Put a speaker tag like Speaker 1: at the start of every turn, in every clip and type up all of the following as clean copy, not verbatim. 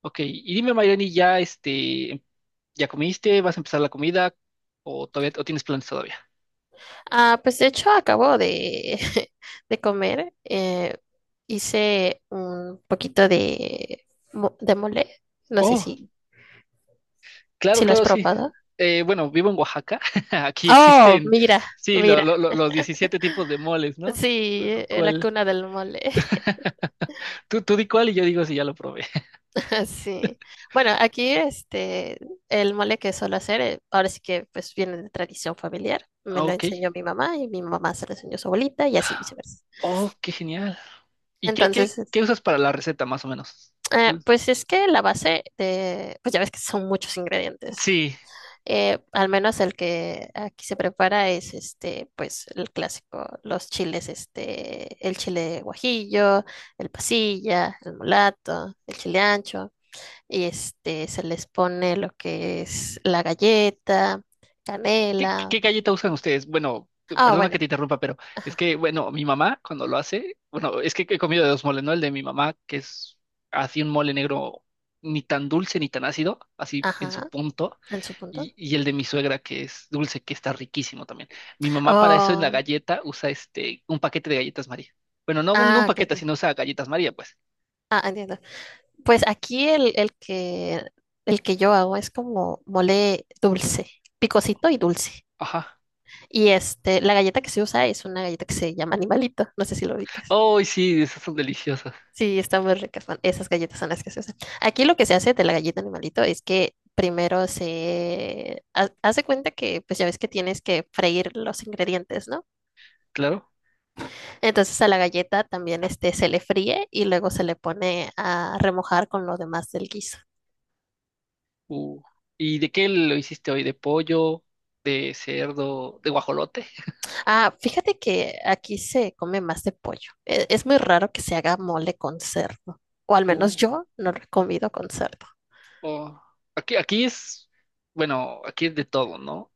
Speaker 1: Ok, y dime, Mayrani, ¿ ya comiste? ¿Vas a empezar la comida? ¿O todavía o tienes planes todavía?
Speaker 2: Ah, pues de hecho acabo de, de comer. Hice un poquito de, de mole. No sé
Speaker 1: Oh,
Speaker 2: si,
Speaker 1: claro,
Speaker 2: si lo has
Speaker 1: claro, sí.
Speaker 2: probado.
Speaker 1: Bueno, vivo en Oaxaca. Aquí
Speaker 2: Oh,
Speaker 1: existen,
Speaker 2: mira,
Speaker 1: sí,
Speaker 2: mira.
Speaker 1: los 17 tipos de moles, ¿no?
Speaker 2: Sí, la
Speaker 1: ¿Cuál?
Speaker 2: cuna del mole.
Speaker 1: Tú di cuál y yo digo si ya lo probé.
Speaker 2: Sí. Bueno, aquí este, el mole que suelo hacer, ahora sí que pues viene de tradición familiar. Me
Speaker 1: Ah,
Speaker 2: lo
Speaker 1: Ok.
Speaker 2: enseñó mi mamá y mi mamá se lo enseñó a su abuelita y así viceversa.
Speaker 1: Oh, qué genial. ¿Y
Speaker 2: Entonces,
Speaker 1: qué usas para la receta, más o menos? ¿Cuál?
Speaker 2: pues es que la base de, pues ya ves que son muchos ingredientes.
Speaker 1: Sí.
Speaker 2: Al menos el que aquí se prepara es este, pues el clásico, los chiles, este, el chile guajillo, el pasilla, el mulato, el chile ancho, y este se les pone lo que es la galleta, canela.
Speaker 1: Qué galleta usan ustedes? Bueno,
Speaker 2: Ah,
Speaker 1: perdona que
Speaker 2: bueno,
Speaker 1: te interrumpa, pero es
Speaker 2: ajá,
Speaker 1: que, bueno, mi mamá cuando lo hace, bueno, es que he comido de dos moles, ¿no? El de mi mamá, que es así un mole negro ni tan dulce ni tan ácido, así en su
Speaker 2: ajá,
Speaker 1: punto,
Speaker 2: en su punto.
Speaker 1: y el de mi suegra, que es dulce, que está riquísimo también. Mi mamá para eso en la
Speaker 2: Oh,
Speaker 1: galleta usa este, un paquete de galletas María. Bueno, no, no un
Speaker 2: ah, ok,
Speaker 1: paquete,
Speaker 2: ok.
Speaker 1: sino usa galletas María, pues.
Speaker 2: Ah, entiendo. Pues aquí el que yo hago es como mole dulce, picosito y dulce.
Speaker 1: Ajá.
Speaker 2: Y este, la galleta que se usa es una galleta que se llama animalito. No sé si lo ubicas.
Speaker 1: Oh, sí, esas son deliciosas,
Speaker 2: Sí, están muy ricas. Esas galletas son las que se usan. Aquí lo que se hace de la galleta animalito es que primero se hace cuenta que, pues ya ves que tienes que freír los ingredientes, ¿no?
Speaker 1: claro.
Speaker 2: Entonces a la galleta también este, se le fríe y luego se le pone a remojar con lo demás del guiso.
Speaker 1: Uh, ¿Y de qué lo hiciste hoy? ¿De pollo? ¿De cerdo? ¿De guajolote?
Speaker 2: Ah, fíjate que aquí se come más de pollo. Es muy raro que se haga mole con cerdo. O al menos
Speaker 1: Uh,
Speaker 2: yo no lo he comido con cerdo.
Speaker 1: oh. Aquí es, bueno, aquí es de todo, ¿no?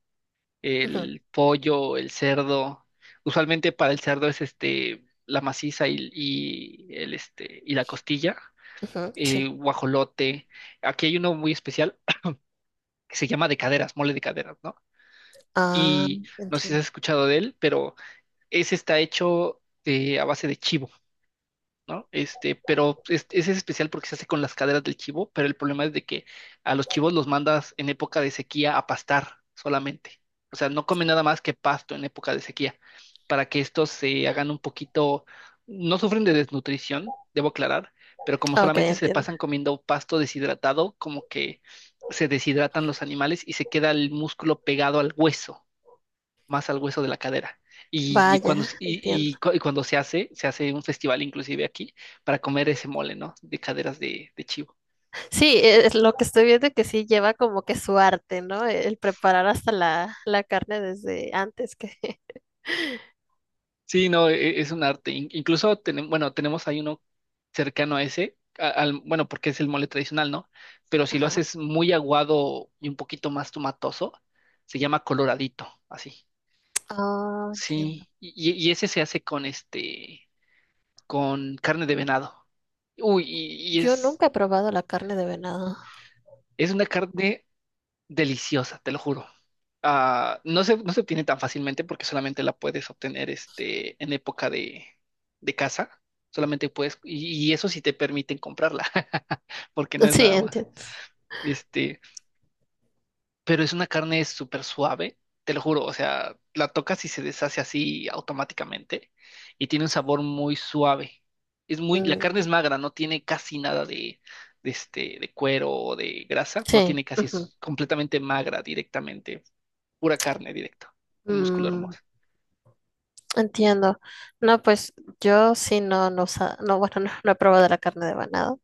Speaker 2: Ujú.
Speaker 1: El pollo, el cerdo. Usualmente para el cerdo es este, la maciza y el este, y la costilla.
Speaker 2: Ujú, sí.
Speaker 1: Guajolote. Aquí hay uno muy especial que se llama de caderas, mole de caderas, ¿no?
Speaker 2: Ah,
Speaker 1: Y no sé si has
Speaker 2: entiendo.
Speaker 1: escuchado de él, pero ese está hecho de, a base de chivo. ¿No? Este, pero es, ese es especial porque se hace con las caderas del chivo, pero el problema es de que a los chivos los mandas en época de sequía a pastar solamente. O sea, no comen nada más que pasto en época de sequía, para que estos se hagan un poquito, no sufren de desnutrición, debo aclarar, pero como
Speaker 2: Ok,
Speaker 1: solamente se
Speaker 2: entiendo.
Speaker 1: pasan comiendo pasto deshidratado, como que se deshidratan los animales y se queda el músculo pegado al hueso más al hueso de la cadera. Y
Speaker 2: Vaya,
Speaker 1: cuando,
Speaker 2: entiendo.
Speaker 1: cuando se hace un festival inclusive aquí para comer ese mole, ¿no? De caderas de chivo.
Speaker 2: Sí, es lo que estoy viendo que sí lleva como que su arte, ¿no? El preparar hasta la carne desde antes que...
Speaker 1: Sí, no, es un arte. Incluso tenemos, bueno, tenemos ahí uno cercano a ese, al, bueno, porque es el mole tradicional, ¿no? Pero si lo
Speaker 2: Ajá.
Speaker 1: haces muy aguado y un poquito más tomatoso, se llama coloradito, así.
Speaker 2: Ah, entiendo.
Speaker 1: Sí, y, y ese se hace con este, con carne de venado. Uy, y
Speaker 2: Yo nunca he probado la carne de venado.
Speaker 1: es una carne deliciosa, te lo juro. Ah, no se obtiene tan fácilmente porque solamente la puedes obtener este, en época de caza. Solamente puedes, y eso sí te permiten comprarla, porque no es
Speaker 2: Sí,
Speaker 1: nada más.
Speaker 2: entiendo.
Speaker 1: Este, pero es una carne súper suave, te lo juro. O sea, la tocas y se deshace así automáticamente. Y tiene un sabor muy suave. Es muy, la carne
Speaker 2: Mm,
Speaker 1: es magra, no tiene casi nada de, de este, de cuero o de grasa, no
Speaker 2: sí.
Speaker 1: tiene casi,
Speaker 2: Ujú.
Speaker 1: es completamente magra directamente pura carne directo, el músculo
Speaker 2: Mm,
Speaker 1: hermoso.
Speaker 2: Entiendo. No, pues yo sí no, no, no, bueno, no, no he probado la carne de venado.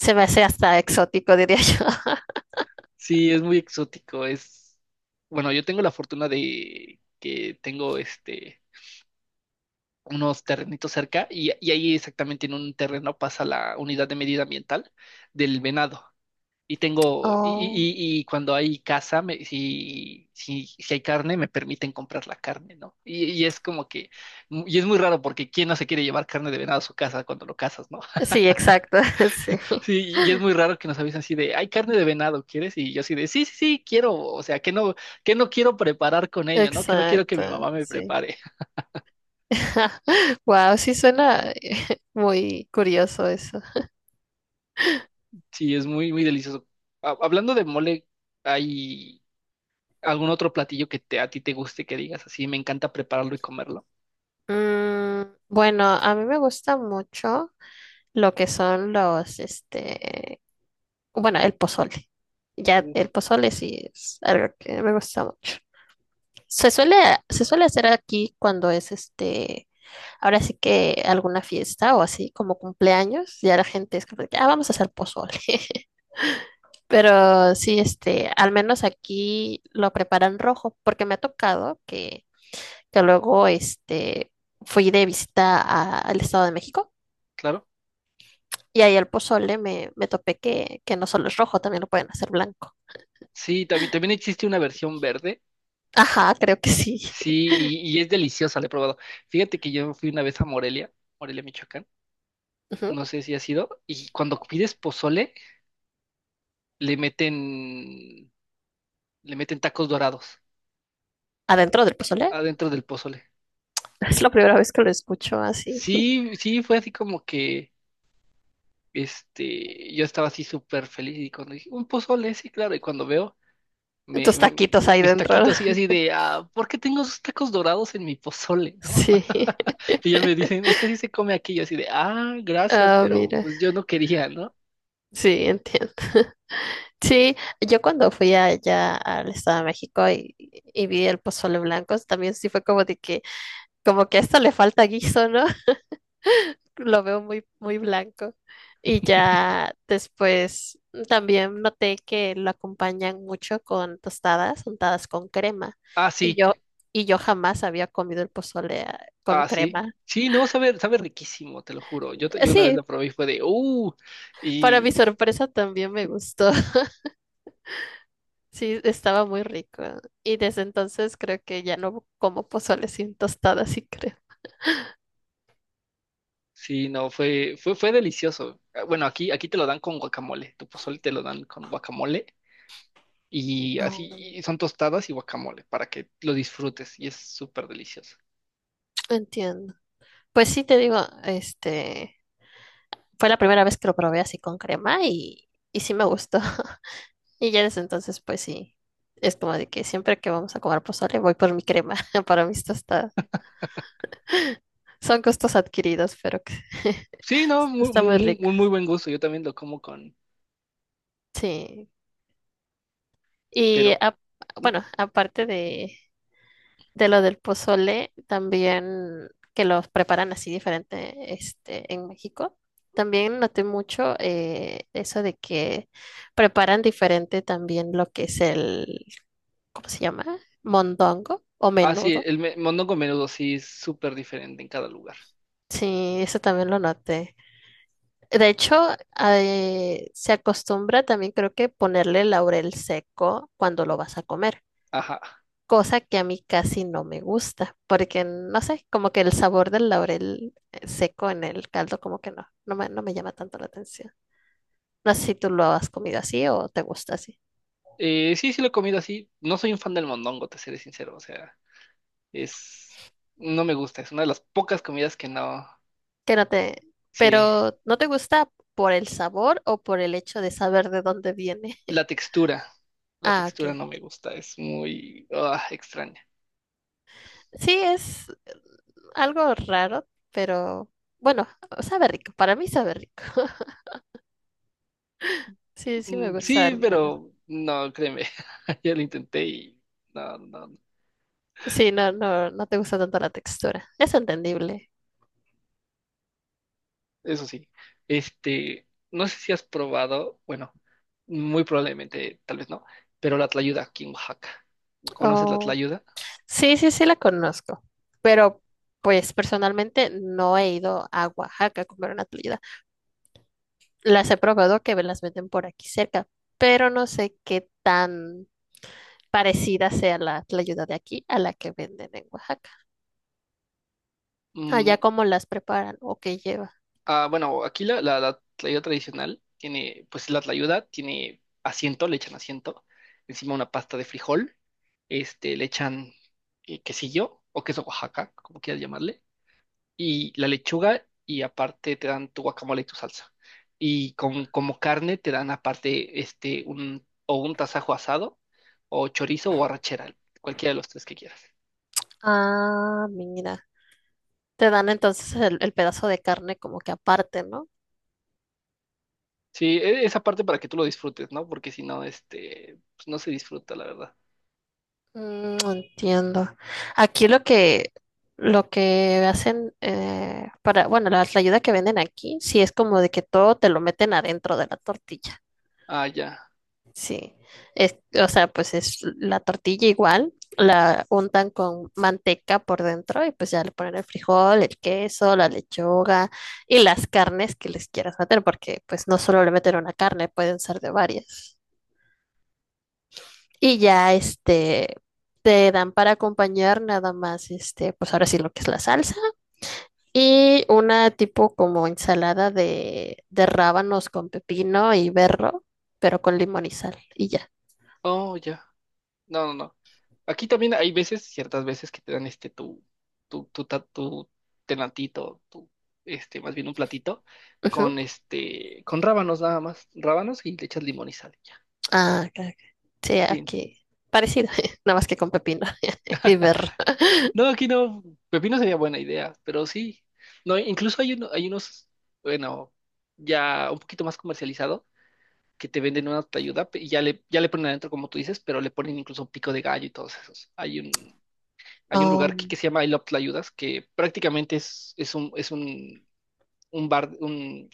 Speaker 2: Se me hace hasta exótico, diría yo.
Speaker 1: Sí, es muy exótico, es... Bueno, yo tengo la fortuna de que tengo este, unos terrenitos cerca y ahí exactamente en un terreno pasa la unidad de medida ambiental del venado. Y tengo,
Speaker 2: Oh.
Speaker 1: y cuando hay caza, si, si hay carne, me permiten comprar la carne, ¿no? Y es como que, y es muy raro porque ¿quién no se quiere llevar carne de venado a su casa cuando lo cazas, ¿no?
Speaker 2: Sí, exacto, sí,
Speaker 1: Sí, y es muy raro que nos avisen así de, hay carne de venado, ¿quieres? Y yo así de, sí, sí, sí, quiero, o sea, que no quiero preparar con ello, ¿no? Que no quiero que mi
Speaker 2: exacto,
Speaker 1: mamá me
Speaker 2: sí.
Speaker 1: prepare.
Speaker 2: Wow, sí suena muy curioso eso.
Speaker 1: Sí, es muy, muy delicioso. Hablando de mole, ¿hay algún otro platillo que te, a ti te guste que digas así? Me encanta prepararlo y comerlo.
Speaker 2: Mm, bueno, a mí me gusta mucho lo que son los, este, bueno, el pozole. Ya
Speaker 1: Uf,
Speaker 2: el pozole sí es algo que me gusta mucho. Se suele, se suele hacer aquí cuando es este, ahora sí que alguna fiesta o así como cumpleaños, ya la gente es como de que, ah, vamos a hacer pozole. Pero sí, este, al menos aquí lo preparan rojo, porque me ha tocado que luego este, fui de visita al Estado de México
Speaker 1: claro.
Speaker 2: y ahí al pozole me topé que no solo es rojo, también lo pueden hacer blanco.
Speaker 1: Sí, también, también existe una versión verde.
Speaker 2: Ajá, creo que sí.
Speaker 1: Sí, y es deliciosa, la he probado. Fíjate que yo fui una vez a Morelia, Morelia, Michoacán.
Speaker 2: Ujú.
Speaker 1: No sé si ha sido. Y cuando pides pozole, le meten le meten tacos dorados
Speaker 2: Adentro del pozole.
Speaker 1: adentro del pozole.
Speaker 2: Es la primera vez que lo escucho así.
Speaker 1: Sí, sí, fue así como que, este, yo estaba así súper feliz y cuando dije, un pozole, sí, claro, y cuando veo, me,
Speaker 2: Tus taquitos ahí
Speaker 1: mis
Speaker 2: dentro.
Speaker 1: taquitos así, así de, ah, ¿por qué tengo esos tacos dorados en mi pozole, no?
Speaker 2: Sí.
Speaker 1: Y ya me dicen, es que así se come aquí, yo así de, ah, gracias,
Speaker 2: Ah,
Speaker 1: pero
Speaker 2: mira.
Speaker 1: pues yo no quería, ¿no?
Speaker 2: Sí, entiendo. Sí, yo cuando fui allá al Estado de México y vi el pozole blanco, también sí fue como de que, como que a esto le falta guiso, ¿no? Lo veo muy, muy blanco. Y ya después también noté que lo acompañan mucho con tostadas, untadas con crema.
Speaker 1: Ah,
Speaker 2: Y
Speaker 1: sí,
Speaker 2: yo, y yo jamás había comido el pozole con
Speaker 1: ah, sí.
Speaker 2: crema.
Speaker 1: Sí, no, sabe, sabe riquísimo, te lo juro. Yo, yo una vez
Speaker 2: Sí,
Speaker 1: lo probé y fue de, uh.
Speaker 2: para mi sorpresa también me gustó. Sí, estaba muy rico. Y desde entonces creo que ya no como pozole sin tostada, sí creo.
Speaker 1: Sí, no, fue, fue, fue delicioso. Ah, bueno, aquí, aquí te lo dan con guacamole, tu pozole te lo dan con guacamole y así
Speaker 2: Oh,
Speaker 1: y son tostadas y guacamole para que lo disfrutes y es súper delicioso.
Speaker 2: entiendo. Pues sí, te digo, este, fue la primera vez que lo probé así con crema y sí me gustó. Y ya desde entonces, pues sí, es como de que siempre que vamos a comer pozole voy por mi crema para mis tostadas. Son costos adquiridos, pero que
Speaker 1: Sí, no, muy,
Speaker 2: está
Speaker 1: muy,
Speaker 2: muy
Speaker 1: muy,
Speaker 2: rico.
Speaker 1: muy muy buen gusto, yo también lo como con,
Speaker 2: Sí. Y
Speaker 1: pero,
Speaker 2: a-
Speaker 1: mm,
Speaker 2: bueno, aparte de, lo del pozole, también que los preparan así diferente este, en México. También noté mucho eso de que preparan diferente también lo que es el, ¿cómo se llama? Mondongo o
Speaker 1: ah, sí,
Speaker 2: menudo.
Speaker 1: el mondongo menudo sí es súper diferente en cada lugar.
Speaker 2: Sí, eso también lo noté. De hecho, se acostumbra también creo que ponerle laurel seco cuando lo vas a comer.
Speaker 1: Ajá.
Speaker 2: Cosa que a mí casi no me gusta, porque no sé, como que el sabor del laurel seco en el caldo, como que no, no me llama tanto la atención. No sé si tú lo has comido así o te gusta así.
Speaker 1: Sí, sí lo he comido así, no soy un fan del mondongo, te seré sincero, o sea, es, no me gusta, es una de las pocas comidas que no,
Speaker 2: Que no te,
Speaker 1: sí.
Speaker 2: pero no te gusta por el sabor o por el hecho de saber de dónde viene.
Speaker 1: La textura, la
Speaker 2: Ah, ok.
Speaker 1: textura no me gusta, es muy extraña.
Speaker 2: Sí, es algo raro, pero bueno, sabe rico. Para mí sabe rico. Sí, sí me
Speaker 1: Mm,
Speaker 2: gusta
Speaker 1: sí,
Speaker 2: el menú.
Speaker 1: pero no, créeme, ya lo intenté y no, no, no.
Speaker 2: Sí, no, no, no te gusta tanto la textura. Es entendible.
Speaker 1: Eso sí. Este, no sé si has probado, bueno, muy probablemente, tal vez no, pero la tlayuda aquí en Oaxaca. ¿Conoces la
Speaker 2: Oh.
Speaker 1: tlayuda?
Speaker 2: Sí, sí, sí la conozco, pero pues personalmente no he ido a Oaxaca a comer una tlayuda. Las he probado que me las venden por aquí cerca, pero no sé qué tan parecida sea la tlayuda de aquí a la que venden en Oaxaca. Allá
Speaker 1: Mm.
Speaker 2: cómo las preparan o qué lleva.
Speaker 1: Ah, bueno, aquí la, la, la tlayuda tradicional tiene, pues la tlayuda tiene asiento, le echan asiento, encima una pasta de frijol, este, le echan quesillo o queso Oaxaca, como quieras llamarle, y la lechuga y aparte te dan tu guacamole y tu salsa. Y con, como carne te dan aparte este, un, o un tasajo asado o chorizo o arrachera, cualquiera de los tres que quieras.
Speaker 2: Ah, mira. Te dan entonces el pedazo de carne como que aparte, ¿no?
Speaker 1: Sí, esa parte para que tú lo disfrutes, ¿no? Porque si no, este, pues no se disfruta, la verdad.
Speaker 2: Entiendo. Aquí lo que hacen para, bueno, la ayuda que venden aquí, sí es como de que todo te lo meten adentro de la tortilla.
Speaker 1: Ah, ya.
Speaker 2: Sí. Es, o sea, pues es la tortilla igual, la untan con manteca por dentro y pues ya le ponen el frijol, el queso, la lechuga y las carnes que les quieras meter, porque pues no solo le meten una carne, pueden ser de varias. Y ya este te dan para acompañar nada más este, pues ahora sí lo que es la salsa y una tipo como ensalada de rábanos con pepino y berro, pero con limón y sal y ya.
Speaker 1: Oh, ya. No, no, no. Aquí también hay veces, ciertas veces que te dan este tu, tu, tu, tu tenantito, tu, este, más bien un platito con
Speaker 2: Ujú.
Speaker 1: este, con rábanos nada más, rábanos y le echas limón y sal, ya.
Speaker 2: Ah, ok, ok. Sí,
Speaker 1: Sí.
Speaker 2: aquí parecido, nada más que con pepino y berro.
Speaker 1: No, aquí no, pepino sería buena idea, pero sí. No, incluso hay uno, hay unos, bueno, ya un poquito más comercializado que te venden una tlayuda y ya le ponen adentro como tú dices, pero le ponen incluso pico de gallo y todos esos. Hay un lugar que
Speaker 2: Um,
Speaker 1: se llama I Love Tlayudas, que prácticamente es un bar, un,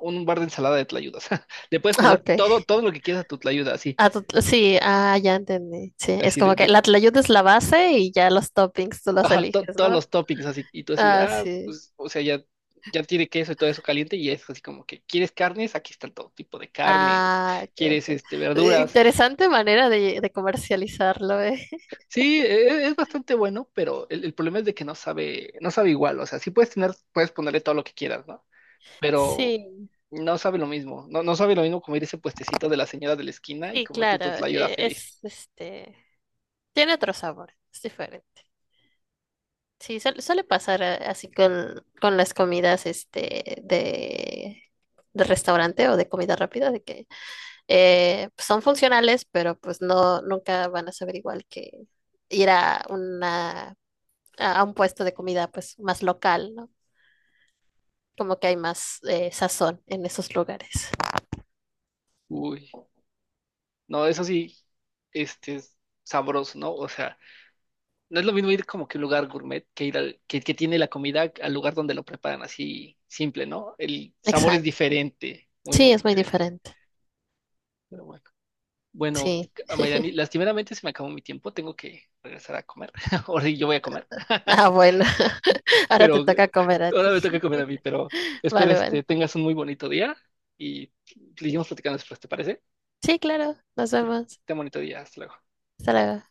Speaker 1: un bar de ensalada de tlayudas. Le puedes
Speaker 2: ah,
Speaker 1: poner
Speaker 2: ok.
Speaker 1: todo, todo lo que quieras a tu tlayuda, así,
Speaker 2: Ah, sí, ah, ya entendí. Sí, es
Speaker 1: así de,
Speaker 2: como que la tlayuda es la base y ya los toppings tú los
Speaker 1: ajá,
Speaker 2: eliges,
Speaker 1: todos
Speaker 2: ¿no?
Speaker 1: los toppings, así, y tú así de,
Speaker 2: Ah,
Speaker 1: ah,
Speaker 2: sí.
Speaker 1: pues, o sea, ya, ya tiene queso y todo eso caliente, y es así como que, ¿quieres carnes? Aquí están todo tipo de carnes,
Speaker 2: Ah,
Speaker 1: ¿quieres, este, verduras?
Speaker 2: interesante manera de comercializarlo, ¿eh?
Speaker 1: Sí, es, bastante bueno, pero el problema es de que no sabe, no sabe igual, o sea, sí puedes tener, puedes ponerle todo lo que quieras, ¿no? Pero
Speaker 2: Sí,
Speaker 1: no sabe lo mismo. No, no sabe lo mismo comer ese puestecito de la señora de la esquina y
Speaker 2: sí,
Speaker 1: comerte
Speaker 2: claro.
Speaker 1: tu tlayuda feliz.
Speaker 2: Es, este, tiene otro sabor, es diferente. Sí, suele pasar así con las comidas, este, de restaurante o de comida rápida, de que son funcionales, pero pues no, nunca van a saber igual que ir a una, a un puesto de comida, pues, más local, ¿no? Como que hay más sazón en esos lugares.
Speaker 1: Uy, no, eso sí, este es sabroso, ¿no? O sea, no es lo mismo ir como que a un lugar gourmet que ir al, que tiene la comida al lugar donde lo preparan así simple, ¿no? El sabor es
Speaker 2: Exacto.
Speaker 1: diferente, muy,
Speaker 2: Sí,
Speaker 1: muy
Speaker 2: es muy
Speaker 1: diferente.
Speaker 2: diferente.
Speaker 1: Pero bueno. Bueno,
Speaker 2: Sí.
Speaker 1: Mayrani, lastimeramente se me acabó mi tiempo, tengo que regresar a comer. Ahora sí, yo voy a comer.
Speaker 2: Ah, bueno. Ahora te
Speaker 1: Pero
Speaker 2: toca comer a
Speaker 1: ahora me toca
Speaker 2: ti.
Speaker 1: comer a mí, pero espero
Speaker 2: Vale,
Speaker 1: este,
Speaker 2: vale.
Speaker 1: tengas un muy bonito día y seguimos platicando después, ¿te parece?
Speaker 2: Sí, claro. Nos vemos.
Speaker 1: Ten bonito día, hasta luego.
Speaker 2: Hasta luego.